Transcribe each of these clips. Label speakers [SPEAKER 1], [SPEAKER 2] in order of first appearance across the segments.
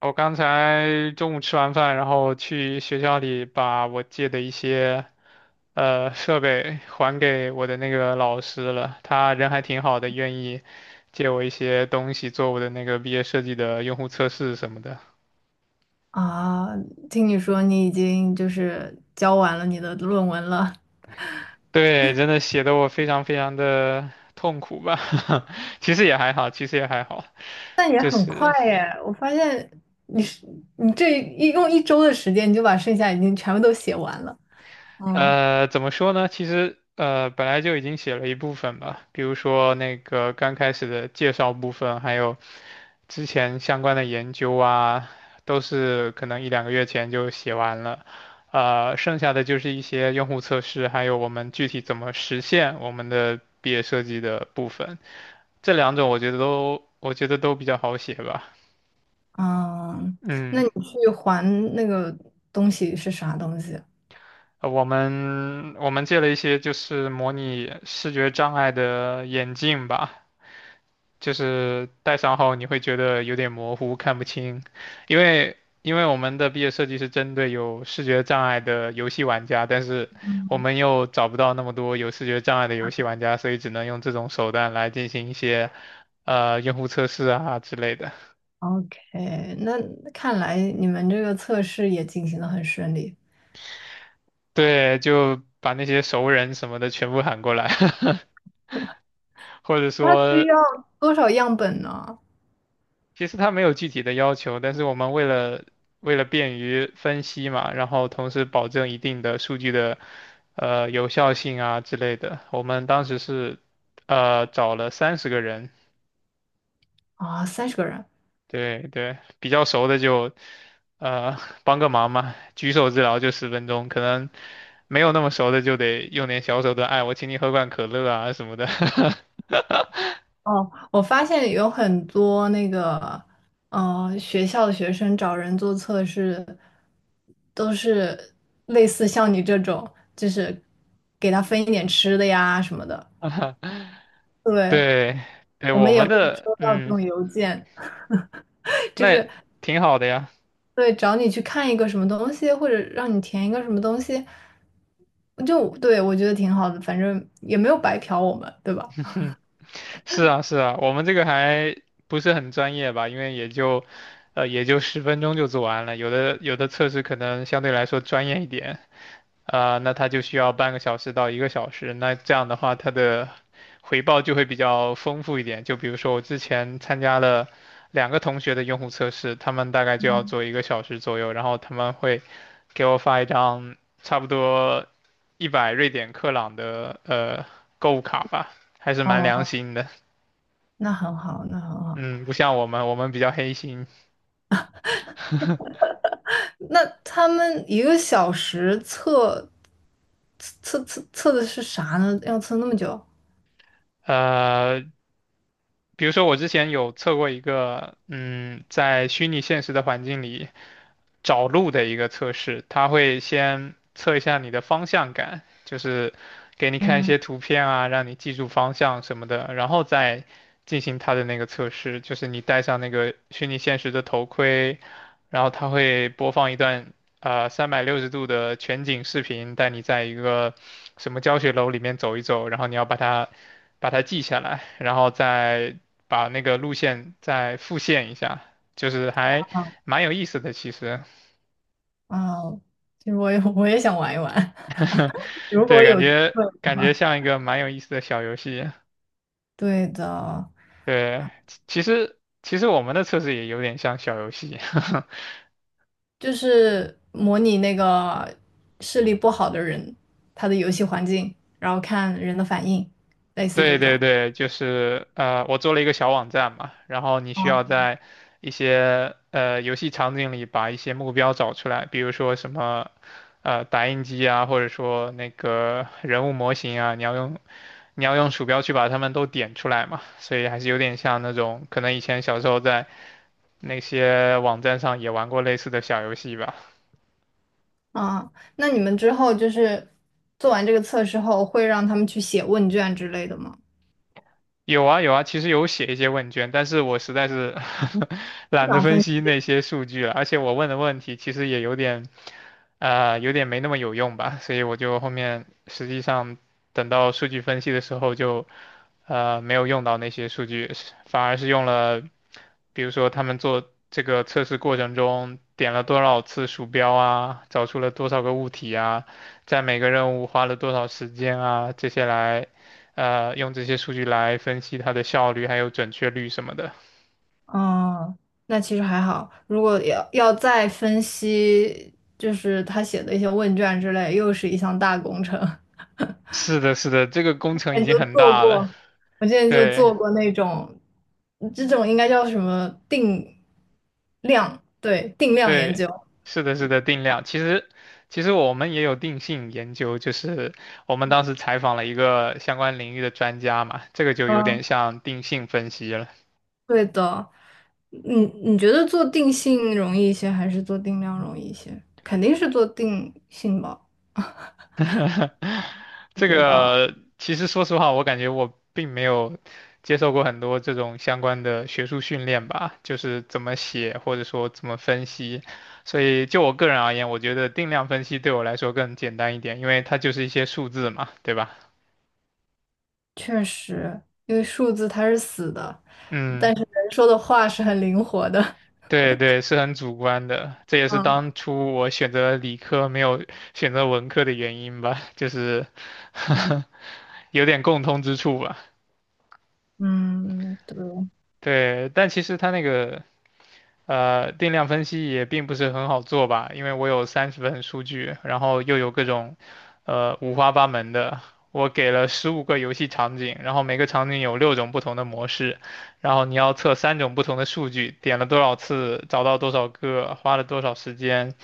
[SPEAKER 1] 我刚才中午吃完饭，然后去学校里把我借的一些设备还给我的那个老师了。他人还挺好的，愿意借我一些东西做我的那个毕业设计的用户测试什么的。
[SPEAKER 2] 啊，听你说你已经交完了你的论文了，
[SPEAKER 1] 对，真的写的我非常非常的痛苦吧，其实也还好，其实也还好，
[SPEAKER 2] 那也
[SPEAKER 1] 就
[SPEAKER 2] 很快
[SPEAKER 1] 是。
[SPEAKER 2] 耶！我发现你是你这一用1周的时间，你就把剩下已经全部都写完了。嗯。
[SPEAKER 1] 怎么说呢？其实本来就已经写了一部分吧，比如说那个刚开始的介绍部分，还有之前相关的研究啊，都是可能一两个月前就写完了。剩下的就是一些用户测试，还有我们具体怎么实现我们的毕业设计的部分。这两种我觉得都，我觉得都比较好写吧。
[SPEAKER 2] 嗯，那
[SPEAKER 1] 嗯，
[SPEAKER 2] 你去还那个东西是啥东西
[SPEAKER 1] 我们借了一些就是模拟视觉障碍的眼镜吧，就是戴上后你会觉得有点模糊，看不清，因为我们的毕业设计是针对有视觉障碍的游戏玩家，但是我们又找不到那么多有视觉障碍的游戏玩家，所以只能用这种手段来进行一些用户测试啊之类的。
[SPEAKER 2] ？OK,那看来你们这个测试也进行的很顺利。
[SPEAKER 1] 对，就把那些熟人什么的全部喊过来，或者
[SPEAKER 2] 它需
[SPEAKER 1] 说
[SPEAKER 2] 要多少样本呢？
[SPEAKER 1] 其实它没有具体的要求，但是我们为了便于分析嘛，然后同时保证一定的数据的有效性啊之类的，我们当时是找了30个人，
[SPEAKER 2] 啊，30个人。
[SPEAKER 1] 对对，比较熟的就呃帮个忙嘛，举手之劳就十分钟，可能没有那么熟的就得用点小手段，哎，我请你喝罐可乐啊什么的，
[SPEAKER 2] 哦，我发现有很多那个，学校的学生找人做测试，都是类似像你这种，就是给他分一点吃的呀什么的。对，
[SPEAKER 1] 对对，
[SPEAKER 2] 我们
[SPEAKER 1] 我
[SPEAKER 2] 也
[SPEAKER 1] 们
[SPEAKER 2] 会
[SPEAKER 1] 的
[SPEAKER 2] 收到这
[SPEAKER 1] 嗯，
[SPEAKER 2] 种邮件，就
[SPEAKER 1] 那
[SPEAKER 2] 是
[SPEAKER 1] 挺好的呀。
[SPEAKER 2] 对找你去看一个什么东西，或者让你填一个什么东西，就对我觉得挺好的，反正也没有白嫖我们，对吧？
[SPEAKER 1] 哼，是啊，是啊，我们这个还不是很专业吧，因为也就，也就十分钟就做完了，有的测试可能相对来说专业一点。啊，那他就需要半个小时到一个小时。那这样的话，他的回报就会比较丰富一点。就比如说我之前参加了两个同学的用户测试，他们大概就要做一个小时左右，然后他们会给我发一张差不多100瑞典克朗的购物卡吧，还是蛮良
[SPEAKER 2] 哦，
[SPEAKER 1] 心的。
[SPEAKER 2] 那很好，那很好。
[SPEAKER 1] 嗯，不像我们，我们比较黑心。
[SPEAKER 2] 那他们1个小时测测的是啥呢？要测那么久？
[SPEAKER 1] 呃，比如说我之前有测过一个，嗯，在虚拟现实的环境里找路的一个测试，它会先测一下你的方向感，就是给你看一
[SPEAKER 2] 嗯，
[SPEAKER 1] 些图片啊，让你记住方向什么的，然后再进行它的那个测试，就是你戴上那个虚拟现实的头盔，然后它会播放一段360度的全景视频，带你在一个什么教学楼里面走一走，然后你要把它记下来，然后再把那个路线再复现一下，就是还蛮有意思的，其实，
[SPEAKER 2] 啊，其实我也想玩一玩，如果
[SPEAKER 1] 对，
[SPEAKER 2] 有机会。
[SPEAKER 1] 感觉像一个蛮有意思的小游戏，
[SPEAKER 2] 对的，
[SPEAKER 1] 对，其实我们的测试也有点像小游戏，
[SPEAKER 2] 就是模拟那个视力不好的人，他的游戏环境，然后看人的反应，类似
[SPEAKER 1] 对
[SPEAKER 2] 这
[SPEAKER 1] 对
[SPEAKER 2] 种。
[SPEAKER 1] 对，就是我做了一个小网站嘛，然后你需
[SPEAKER 2] 啊
[SPEAKER 1] 要在一些游戏场景里把一些目标找出来，比如说什么打印机啊，或者说那个人物模型啊，你要用鼠标去把它们都点出来嘛，所以还是有点像那种可能以前小时候在那些网站上也玩过类似的小游戏吧。
[SPEAKER 2] 啊，那你们之后就是做完这个测试后，会让他们去写问卷之类的吗？
[SPEAKER 1] 有啊有啊，其实有写一些问卷，但是我实在是
[SPEAKER 2] 不
[SPEAKER 1] 懒得
[SPEAKER 2] 想
[SPEAKER 1] 分
[SPEAKER 2] 分。
[SPEAKER 1] 析那些数据了，而且我问的问题其实也有点，有点没那么有用吧，所以我就后面实际上等到数据分析的时候就，没有用到那些数据，反而是用了，比如说他们做这个测试过程中点了多少次鼠标啊，找出了多少个物体啊，在每个任务花了多少时间啊，这些来。用这些数据来分析它的效率还有准确率什么的。
[SPEAKER 2] 哦，那其实还好。如果要再分析，就是他写的一些问卷之类，又是一项大工程。
[SPEAKER 1] 是的，是的，这个工 程已
[SPEAKER 2] 那
[SPEAKER 1] 经
[SPEAKER 2] 就
[SPEAKER 1] 很
[SPEAKER 2] 做
[SPEAKER 1] 大了。
[SPEAKER 2] 过，我之前就
[SPEAKER 1] 对
[SPEAKER 2] 做过那种，这种应该叫什么定量，对，定量研
[SPEAKER 1] 对，
[SPEAKER 2] 究。
[SPEAKER 1] 是的，是的，定量。其实我们也有定性研究，就是我们当时采访了一个相关领域的专家嘛，这个就有
[SPEAKER 2] 嗯，
[SPEAKER 1] 点像定性分析了。
[SPEAKER 2] 对的。你觉得做定性容易一些，还是做定量容易一些？肯定是做定性吧，我
[SPEAKER 1] 这
[SPEAKER 2] 觉得。
[SPEAKER 1] 个其实说实话，我感觉我并没有接受过很多这种相关的学术训练吧，就是怎么写或者说怎么分析。所以就我个人而言，我觉得定量分析对我来说更简单一点，因为它就是一些数字嘛，对吧？
[SPEAKER 2] 确实，因为数字它是死的，
[SPEAKER 1] 嗯，
[SPEAKER 2] 但是人说的话是很灵活的。
[SPEAKER 1] 对对，是很主观的，这也是
[SPEAKER 2] 嗯
[SPEAKER 1] 当初我选择理科没有选择文科的原因吧，就是 有点共通之处吧。
[SPEAKER 2] 嗯，对，
[SPEAKER 1] 对，但其实它那个定量分析也并不是很好做吧，因为我有30份数据，然后又有各种，五花八门的。我给了15个游戏场景，然后每个场景有六种不同的模式，然后你要测三种不同的数据，点了多少次，找到多少个，花了多少时间，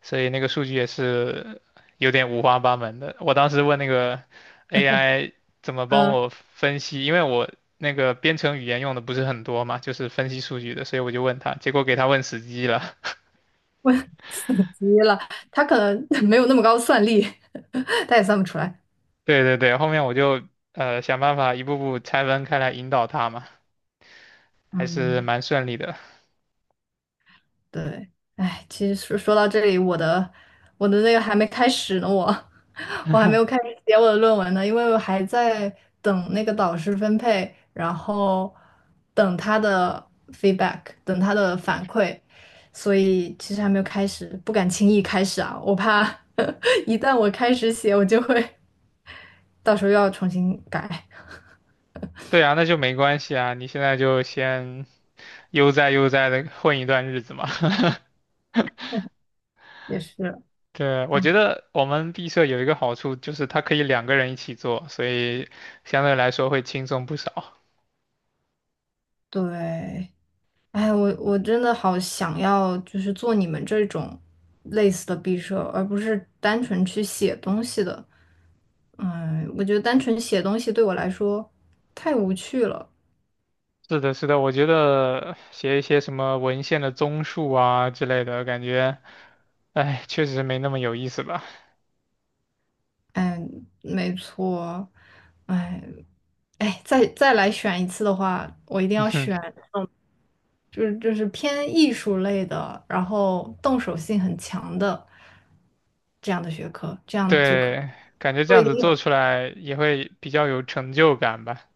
[SPEAKER 1] 所以那个数据也是有点五花八门的。我当时问那个 AI怎么帮
[SPEAKER 2] 嗯，
[SPEAKER 1] 我分析，因为我那个编程语言用的不是很多嘛，就是分析数据的，所以我就问他，结果给他问死机了。
[SPEAKER 2] 我 死机了，他可能 没有那么高算力，他也算不出来。
[SPEAKER 1] 对对对，后面我就想办法一步步拆分开来引导他嘛，还是
[SPEAKER 2] 嗯。
[SPEAKER 1] 蛮顺利的。
[SPEAKER 2] 对，哎，其实说到这里，我的那个还没开始呢，我 我还没有开始写我的论文呢，因为我还在等那个导师分配，然后等他的 feedback,等他的反馈，所以其实还没有开始，不敢轻易开始啊，我怕 一旦我开始写，我就会 到时候又要重新改，
[SPEAKER 1] 对啊，那就没关系啊，你现在就先悠哉悠哉的混一段日子嘛。
[SPEAKER 2] 也是，
[SPEAKER 1] 对，我觉得我们毕设有一个好处，就是它可以两个人一起做，所以相对来说会轻松不少。
[SPEAKER 2] 对，哎，我真的好想要，就是做你们这种类似的毕设，而不是单纯去写东西的。嗯，我觉得单纯写东西对我来说太无趣了。
[SPEAKER 1] 是的，是的，我觉得写一些什么文献的综述啊之类的，感觉，哎，确实没那么有意思吧。
[SPEAKER 2] 哎，没错。哎，哎，再来选一次的话，我一定要 选，嗯，就是偏艺术类的，然后动手性很强的这样的学科，这样就可
[SPEAKER 1] 对，感觉这
[SPEAKER 2] 做一
[SPEAKER 1] 样子
[SPEAKER 2] 点
[SPEAKER 1] 做
[SPEAKER 2] 有
[SPEAKER 1] 出来也会比较有成就感吧。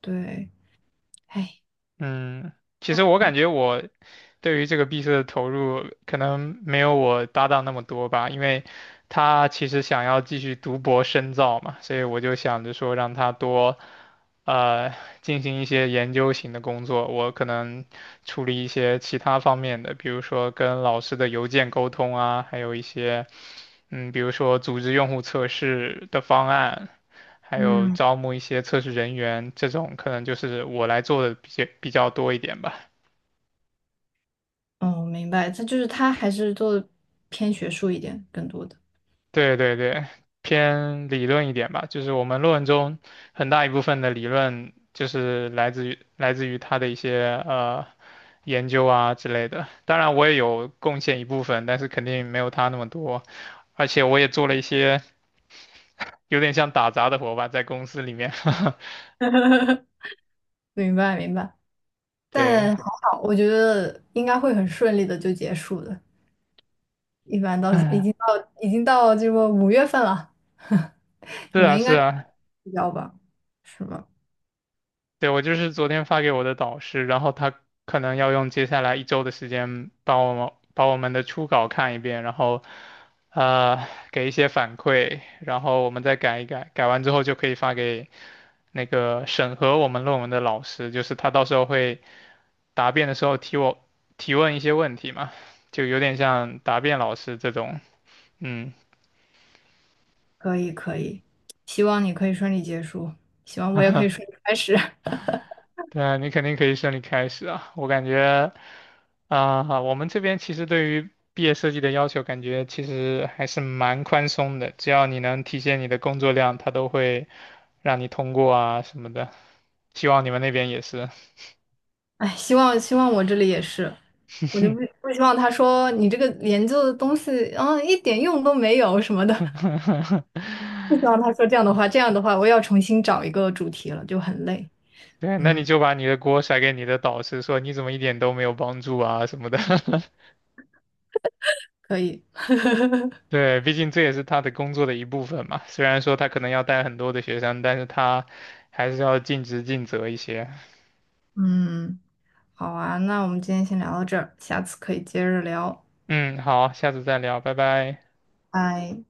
[SPEAKER 2] 对。哎，
[SPEAKER 1] 嗯，其实我感觉我对于这个毕设的投入可能没有我搭档那么多吧，因为他其实想要继续读博深造嘛，所以我就想着说让他多。呃进行一些研究型的工作，我可能处理一些其他方面的，比如说跟老师的邮件沟通啊，还有一些嗯，比如说组织用户测试的方案，还有
[SPEAKER 2] 嗯。
[SPEAKER 1] 招募一些测试人员，这种可能就是我来做的比较多一点吧。
[SPEAKER 2] 哦，明白，他还是做的偏学术一点，更多的。
[SPEAKER 1] 对对对，偏理论一点吧，就是我们论文中很大一部分的理论就是来自于他的一些研究啊之类的。当然我也有贡献一部分，但是肯定没有他那么多，而且我也做了一些有点像打杂的活吧，在公司里面。
[SPEAKER 2] 明白明白，
[SPEAKER 1] 对，
[SPEAKER 2] 但还好，我觉得应该会很顺利的就结束的。一般到已
[SPEAKER 1] 嗯，
[SPEAKER 2] 经到已经到这个5月份了，
[SPEAKER 1] 是
[SPEAKER 2] 你们
[SPEAKER 1] 啊
[SPEAKER 2] 应
[SPEAKER 1] 是
[SPEAKER 2] 该
[SPEAKER 1] 啊，
[SPEAKER 2] 比较吧？是吧？
[SPEAKER 1] 对，我就是昨天发给我的导师，然后他可能要用接下来一周的时间把我们的初稿看一遍，然后呃给一些反馈，然后我们再改一改，改完之后就可以发给那个审核我们论文的老师，就是他到时候会答辩的时候提问一些问题嘛，就有点像答辩老师这种，嗯。
[SPEAKER 2] 可以，可以，希望你可以顺利结束，希望我也可以顺利开始。
[SPEAKER 1] 对啊，你肯定可以顺利开始啊。我感觉啊，我们这边其实对于毕业设计的要求，感觉其实还是蛮宽松的，只要你能体现你的工作量，他都会让你通过啊什么的。希望你们那边也是。
[SPEAKER 2] 哎，希望我这里也是。我就不希望他说你这个研究的东西，嗯，一点用都没有什么的。不希望他说这样的话，这样的话我要重新找一个主题了，就很累。
[SPEAKER 1] 对，那
[SPEAKER 2] 嗯，
[SPEAKER 1] 你就把你的锅甩给你的导师，说你怎么一点都没有帮助啊什么的。
[SPEAKER 2] 可以，
[SPEAKER 1] 对，毕竟这也是他的工作的一部分嘛。虽然说他可能要带很多的学生，但是他还是要尽职尽责一些。
[SPEAKER 2] 嗯，好啊，那我们今天先聊到这儿，下次可以接着聊，
[SPEAKER 1] 嗯，好，下次再聊，拜拜。
[SPEAKER 2] 拜。